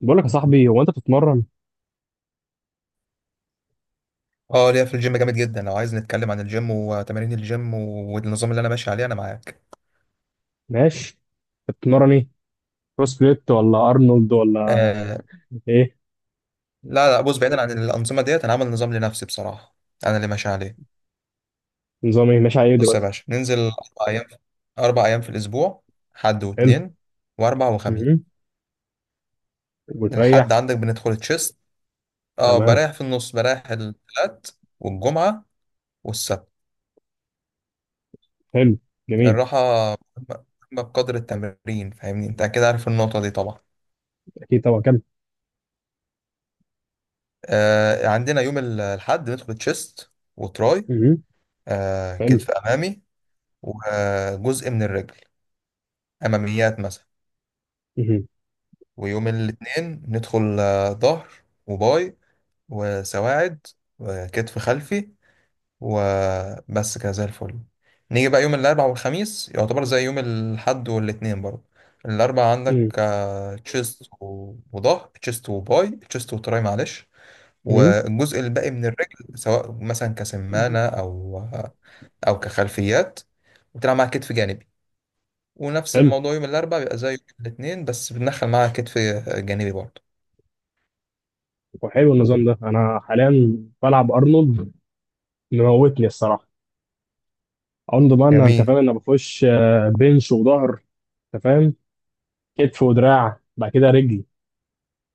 بقول لك يا صاحبي، هو انت بتتمرن؟ اه ليا في الجيم جامد جدا. لو عايز نتكلم عن الجيم وتمارين الجيم والنظام اللي انا ماشي عليه، انا معاك. ماشي. انت بتتمرن ايه؟ بروس بليت، ولا ارنولد، ولا آه. ايه؟ لا لا، بص بعيدا عن الانظمه ديت، انا عامل نظام لنفسي بصراحه. انا اللي ماشي عليه. نظام ايه ماشي على ايه بص يا دلوقتي؟ باشا، ننزل 4 ايام. 4 ايام في الاسبوع. حد حلو. واثنين، واربع وخميس. امم وتريح؟ الحد عندك بندخل تشيست. اه تمام. بريح في النص، بريح الثلاث. والجمعه والسبت حلو، جميل. الراحه مهمة، بقدر التمرين. فاهمني انت كده، عارف النقطه دي طبعا. اكيد طبعا، كمل. عندنا يوم الحد بندخل تشيست وتراي، امم حلو. كتف أمامي، وجزء من الرجل، أماميات مثلا. امم ويوم الاثنين ندخل ظهر وباي وسواعد وكتف خلفي، وبس كده زي الفل. نيجي بقى يوم الأربعاء والخميس، يعتبر زي يوم الحد والاثنين برضه. الأربعاء عندك تشيست وظهر، تشيست وباي، تشيست وتراي، معلش. امم والجزء الباقي من الرجل، سواء مثلا كسمانة أو كخلفيات، وتلعب مع كتف جانبي. ونفس حلو. الموضوع يوم الاربعاء بيبقى زي يوم الاثنين، بس بندخل معاها كتف جانبي برضه. وحلو النظام ده، انا حاليا بلعب ارنولد، مموتني الصراحه. ارنولد بقى، انت فاهم، جميل. انا بخش بنش وظهر. انت فاهم، كتف ودراع بعد كده رجلي.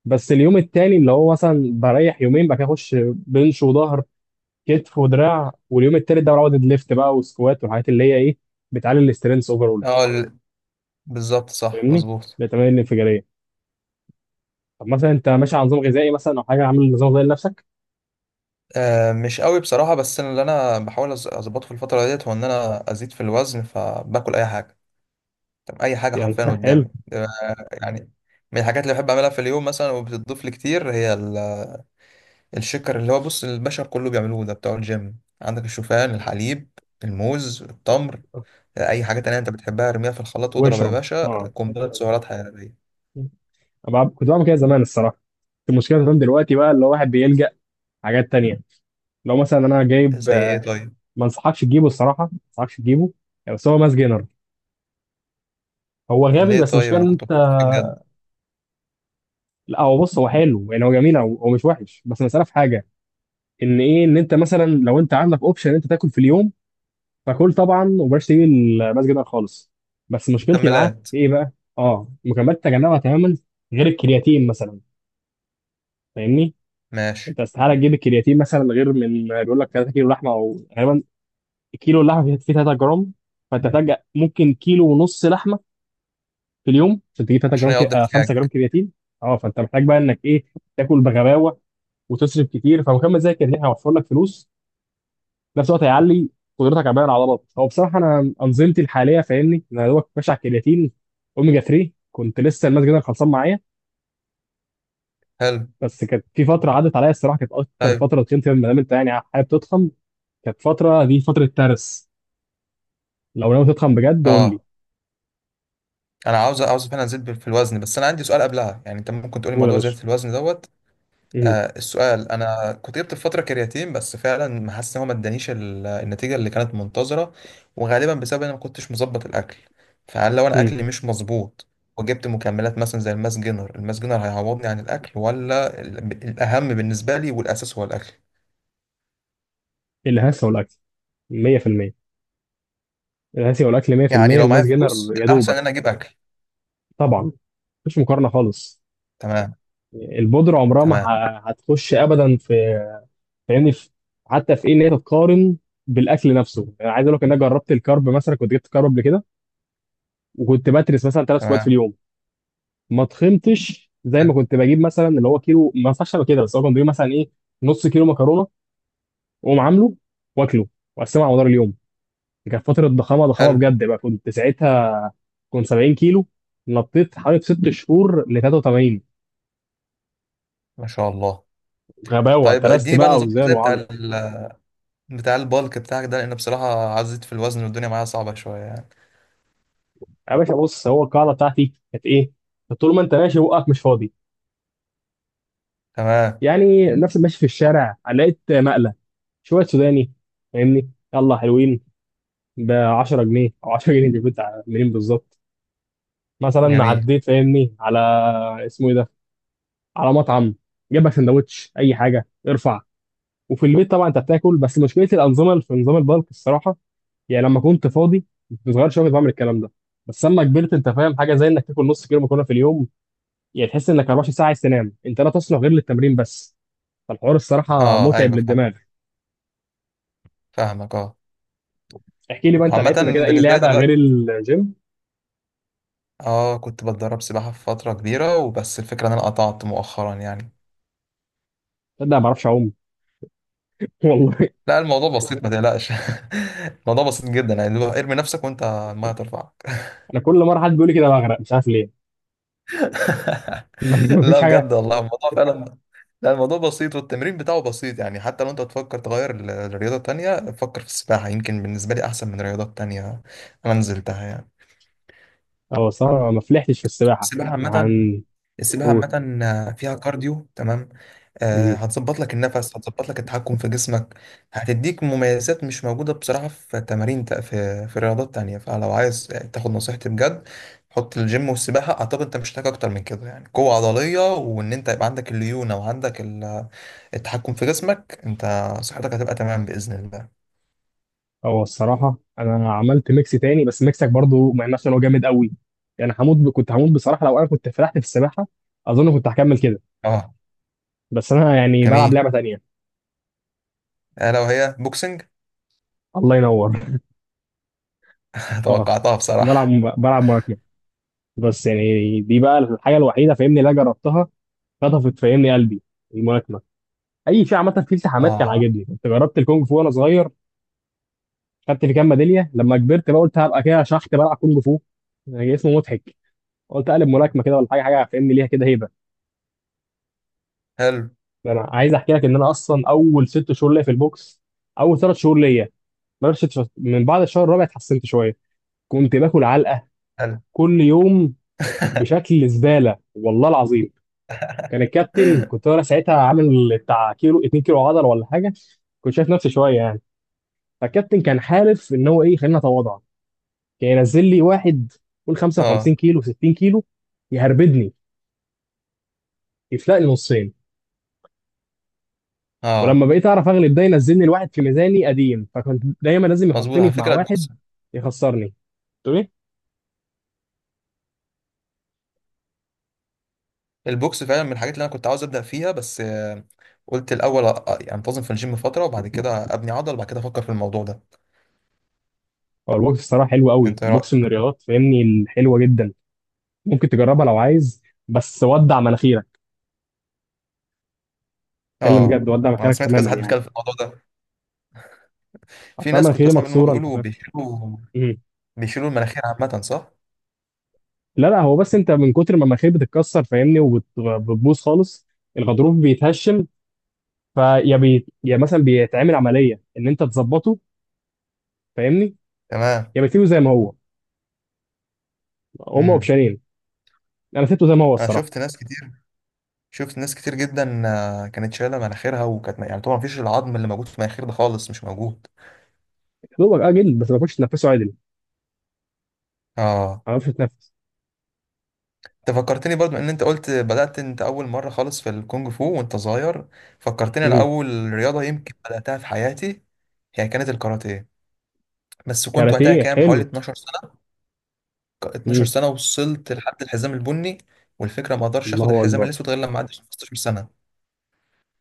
بس اليوم التاني اللي هو مثلا بريح يومين، بعد كده اخش بنش وظهر، كتف ودراع. واليوم التالت ده بعوض الليفت بقى، والسكوات والحاجات اللي هي ايه، بتعلي الاسترينث اول. اه ال- بالظبط، صح فاهمني، مظبوط. بتمارين الانفجاريه. طب مثلا انت ماشي على نظام غذائي مثلا، او حاجه؟ عامل نظام غذائي لنفسك؟ آه مش قوي بصراحة. بس أنا اللي أنا بحاول أظبطه في الفترة ديت، هو إن أنا أزيد في الوزن، فباكل أي حاجة. طب أي حاجة يعني حرفيا حلو. قدامي ده. يعني من الحاجات اللي بحب أعملها في اليوم مثلا وبتضيف لي كتير، هي الشكر اللي هو، بص، البشر كله بيعملوه ده، بتوع الجيم. عندك الشوفان، الحليب، الموز، التمر، أي حاجة تانية أنت بتحبها، ارميها في الخلاط واضرب يا واشرب، باشا اه. قنبلة سعرات حرارية. كنت بعمل كده زمان الصراحه. المشكله زمان دلوقتي بقى، اللي هو واحد بيلجأ حاجات تانية. لو مثلا انا جايب، زي ايه طيب؟ ما انصحكش تجيبه الصراحه، ما انصحكش تجيبه. يعني، بس هو ماس جينر. هو غبي، ليه بس طيب، المشكله انا ان كنت انت، بفكر فيه بجد. لا هو بص، هو حلو يعني، هو جميل، هو مش وحش، بس المساله في حاجه. ان ايه، ان انت مثلا لو انت عندك اوبشن انت تاكل في اليوم، فكل طبعا، وبلاش تيجي المسجد ده خالص. بس مشكلتي معاه مكملات. في ايه بقى؟ اه، مكملات تجنبها تماما، غير الكرياتين مثلا. فاهمني، ماشي. انت استحاله تجيب الكرياتين مثلا، غير من بيقول لك 3 كيلو لحمه، او غالبا كيلو اللحمه فيه 3 جرام. فانت تحتاج ممكن كيلو ونص لحمه في اليوم، عشان تجيب 3 عشان جرام كي... يقضي آه 5 جرام احتياجك. كرياتين. اه، فانت محتاج بقى انك ايه، تاكل بغباوه وتصرف كتير. فمكمل زي الكرياتين هيوفر لك فلوس، في نفس الوقت هيعلي قدرتك على بناء العضلات. هو بصراحه انا انظمتي الحاليه، فاهمني انا يا دوبك ماشي على الكرياتين، اوميجا 3. كنت لسه الماس جدا خلصان معايا، حلو. بس كانت في فتره عدت عليا الصراحه، كانت اكتر طيب فتره تخنت فيها. ما دام انت يعني حابب تضخم، كانت فتره دي فتره ترس. لو ناوي تضخم بجد قول لي. اه، انا عاوز فعلا ازيد في الوزن. بس انا عندي سؤال قبلها، يعني انت ممكن تقولي قول يا موضوع باشا. زيادة الوزن دوت. امم آه السؤال، انا كنت جبت في فتره كرياتين، بس فعلا ما حاسس ان هو ما ادانيش النتيجه اللي كانت منتظره، وغالبا بسبب ان انا ما كنتش مظبط الاكل. فهل لو انا امم اكلي مش مظبوط وجبت مكملات مثلا زي الماس جينر، الماس جينر هيعوضني عن الاكل؟ ولا الاهم بالنسبه لي والاساس هو الاكل؟ الهسه والاكل 100%. الهسه والاكل يعني 100%. لو معايا الماس فلوس، جينر يا الأحسن دوبك، إن أنا أجيب أكل. طبعا مفيش مقارنه خالص. تمام، البودره عمرها ما تمام، هتخش ابدا في، فاهمني حتى في ايه، ان هي تتقارن بالاكل نفسه. يعني عايز اقول لك ان انا جربت الكارب مثلا، كنت جبت كارب قبل كده. وكنت بترس مثلا ثلاث سكوات في تمام. اليوم، ما تخنتش زي ما كنت بجيب مثلا، اللي هو كيلو ما ينفعش ابقى كده. بس هو كنت بجيب مثلا ايه، نص كيلو مكرونه، واقوم عامله، واكله، واقسمه على مدار اليوم. دي كانت فتره ضخامه، ضخامه حلو. بجد بقى، كنت ساعتها. كنت 70 كيلو، نطيت حوالي في ست شهور ل 83. ما شاء الله. غباوه، طيب ترست اديني بقى بقى النظام اوزان الغذائي وعضل. بتاع البالك بتاعك ده، لأن بصراحة عزيت في الوزن والدنيا معايا صعبة شوية يعني. يا باشا بص، هو القاعده بتاعتي كانت ايه؟ طول ما انت ماشي بقك مش فاضي. تمام. يعني نفس ماشي في الشارع لقيت مقلة شوية سوداني، فاهمني يلا حلوين ب 10 جنيه، او 10 جنيه. دي كنت منين بالظبط؟ مثلا جميل. عديت فاهمني على، اسمه ايه ده، على مطعم، جاب لك سندوتش اي حاجة ارفع. وفي البيت طبعا انت بتاكل. بس مشكلة الأنظمة في نظام البلك الصراحة، يعني لما كنت فاضي كنت صغير شوية كنت بعمل الكلام ده. بس لما كبرت، انت فاهم حاجة زي انك تاكل نص كيلو مكرونة في اليوم، يعني تحس انك 24 ساعة عايز تنام، انت لا تصلح غير للتمرين بس. فالحوار الصراحة أه متعب أيوه فاهم، للدماغ. فاهمك أه. احكي لي بقى، انت لعبت قبل وعامة كده اي بالنسبة لي لعبه غير دلوقتي، الجيم؟ أه كنت بتدرب سباحة في فترة كبيرة وبس. الفكرة إن أنا قطعت مؤخرا يعني. تصدق ما بعرفش اعوم؟ والله، لا الموضوع بسيط، ما تقلقش. الموضوع بسيط جدا، يعني اللي هو ارمي نفسك وأنت المية ترفعك. انا كل مره حد بيقول لي كده بغرق، مش عارف ليه. مفيش لا حاجه. بجد والله، الموضوع فعلا. لا الموضوع بسيط والتمرين بتاعه بسيط يعني. حتى لو انت تفكر تغير لرياضة تانية، فكر في السباحة. يمكن بالنسبة لي أحسن من رياضات تانية. أنا نزلتها يعني. هو الصراحه ما فلحتش في السباحه، السباحة عامة. هنقول. السباحة عامة فيها كارديو، تمام. آه هتظبط لك النفس، هتظبط لك التحكم في جسمك، هتديك مميزات مش موجودة بصراحة في تمارين تا- في في رياضات تانية. فلو عايز تاخد نصيحتي بجد، حط الجيم والسباحة. أعتقد أنت مش محتاج أكتر من كده. يعني قوة عضلية، وإن أنت يبقى عندك الليونة، وعندك التحكم في جسمك انت. صحتك هتبقى تمام باذن الله. هو الصراحه انا عملت ميكس تاني، بس ميكسك برضو ما ينفعش، إن هو جامد قوي. يعني هموت كنت هموت بصراحه، لو انا كنت فلحت في السباحه اظن كنت هكمل كده. اه. بس انا يعني بلعب جميل. لعبه تانيه. آه لو هي بوكسنج. الله ينور. اه، توقعتها بلعب بصراحه. بلعب ملاكمه. بس يعني دي بقى الحاجه الوحيده فاهمني، اللي انا جربتها، خطفت فاهمني قلبي الملاكمه. اي في عامه في التحامات كان اه. عاجبني، كنت جربت الكونج فو وانا صغير، خدت في كام ميداليه. لما كبرت بقى قلت هبقى كده شحت بلعب كونج فو، يعني اسمه مضحك، قلت اقلب ملاكمه كده ولا حاجه. حاجه فاهمني ليها كده هيبه. حلو ده انا عايز احكي لك ان انا اصلا اول ست شهور ليا في البوكس، اول ثلاث شهور ليا، بلاش ست شهور، من بعد الشهر الرابع اتحسنت شويه. كنت باكل علقه حلو. كل يوم، بشكل زباله والله العظيم. كان الكابتن، كنت انا ساعتها عامل بتاع كيلو، 2 كيلو عضله ولا حاجه، كنت شايف نفسي شويه يعني. فالكابتن كان حالف ان هو ايه، خلينا اتواضع، كان ينزل لي واحد قول 55 اه كيلو، 60 كيلو، يهربدني، يفلقني نصين. ولما اه. بقيت اعرف اغلب، ده ينزلني الواحد في ميزاني قديم، فكنت دايما لازم مظبوط يحطني على في مع فكره، واحد البوكس. يخسرني. تقول ايه؟ البوكس فعلا من الحاجات اللي انا كنت عاوز ابدا فيها، بس قلت الاول انتظم في الجيم فتره، وبعد كده ابني عضل، وبعد كده افكر في الموضوع ده. هو البوكس الصراحه حلو قوي، انت ايه البوكس من رايك؟ الرياضات فاهمني الحلوه جدا، ممكن تجربها لو عايز، بس ودع مناخيرك. اتكلم اه بجد، ودع انا مناخيرك سمعت تماما كذا حد يعني. بيتكلم في الموضوع ده، اصل في أنا ناس كنت مناخيري بسمع منهم مكسوره، انت بيقولوا فاهم. بيشيلوا. مم. بيشيلوا المناخير عامه، صح؟ لا لا، هو بس انت من كتر ما المناخير بتتكسر فاهمني وبتبوظ خالص، الغضروف بيتهشم. فيا يا مثلا بيتعمل عمليه ان انت تظبطه، فاهمني، تمام. يا بتسيبه زي ما هو. هما امم. اوبشنين. انا سبته زي ما هو انا الصراحه. شفت ناس كتير. شفت ناس كتير جدا، كانت شايله مناخيرها، وكانت يعني طبعا مفيش العظم اللي موجود في المناخير ده خالص، مش موجود. يا دوبك اجل، بس ما كنتش تنفسه عدل، ما اه. اعرفش اتنفس. انت فكرتني برضو ان انت قلت بدات انت اول مره خالص في الكونج فو وانت صغير، فكرتني انا مم. اول رياضه يمكن بداتها في حياتي، هي كانت الكاراتيه. بس كنت وقتها كاراتيه كام حوالي حلو. 12 سنه. 12 مم. سنه وصلت لحد الحزام البني. والفكره ما اقدرش اخد الله الحزام اكبر. الاسود غير لما اعدي 15 سنه،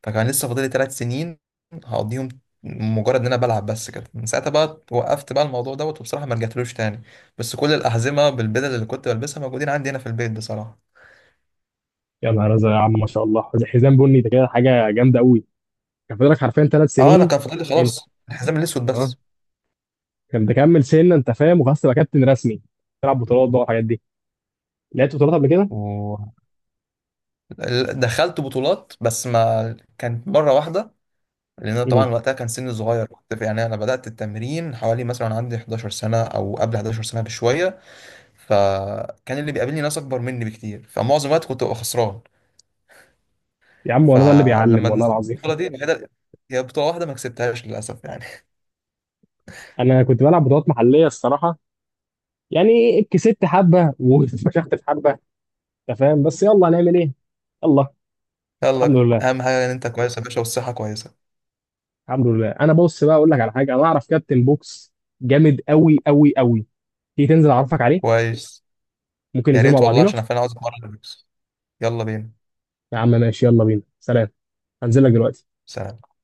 فكان لسه فاضلي 3 سنين هقضيهم مجرد ان انا بلعب بس كده. من ساعتها بقى وقفت بقى الموضوع دوت، وبصراحه ما رجعتلوش تاني. بس كل الاحزمه بالبدل اللي كنت بلبسها موجودين عندي هنا في البيت بصراحه. يا نهار ازرق يا عم، ما شاء الله، زي حزام بني ده كده حاجه جامده قوي. كان فاضلك حرفيا ثلاث اه انا سنين، كان فاضل لي انت، خلاص الحزام الاسود اه. بس. كان تكمل سنه انت فاهم، وخلاص تبقى كابتن رسمي، تلعب بطولات بقى والحاجات دي. لعبت بطولات قبل كده؟ ودخلت بطولات، بس ما كانت مره واحده، لان انا طبعا مم. وقتها كان سني صغير. كنت يعني انا بدات التمرين حوالي مثلا وأنا عندي 11 سنه، او قبل 11 سنه بشويه. فكان اللي بيقابلني ناس اكبر مني بكتير، فمعظم الوقت كنت ببقى خسران. يا عم، ولا ده اللي بيعلم فلما والله نزلت العظيم. البطولة دي الوحيدة، هي بطولة واحدة، ما كسبتهاش للأسف يعني. انا كنت بلعب بطولات محليه الصراحه، يعني كسبت حبه وفشخت في حبه، انت فاهم، بس يلا هنعمل ايه. يلا. الحمد يلا، لله. أهم حاجة إن أنت كويس يا باشا، والصحة كويسة. الحمد لله، انا بص بقى اقول لك على حاجه، انا اعرف كابتن بوكس جامد قوي قوي قوي. تيجي تنزل اعرفك عليه، كويس. ممكن يا ننزل مع ريت والله، بعضينا. عشان أنا فعلا عاوز أتمرن بوكس. يلا بينا. يا عم ماشي، يلا بينا، سلام. هنزل لك دلوقتي. سلام.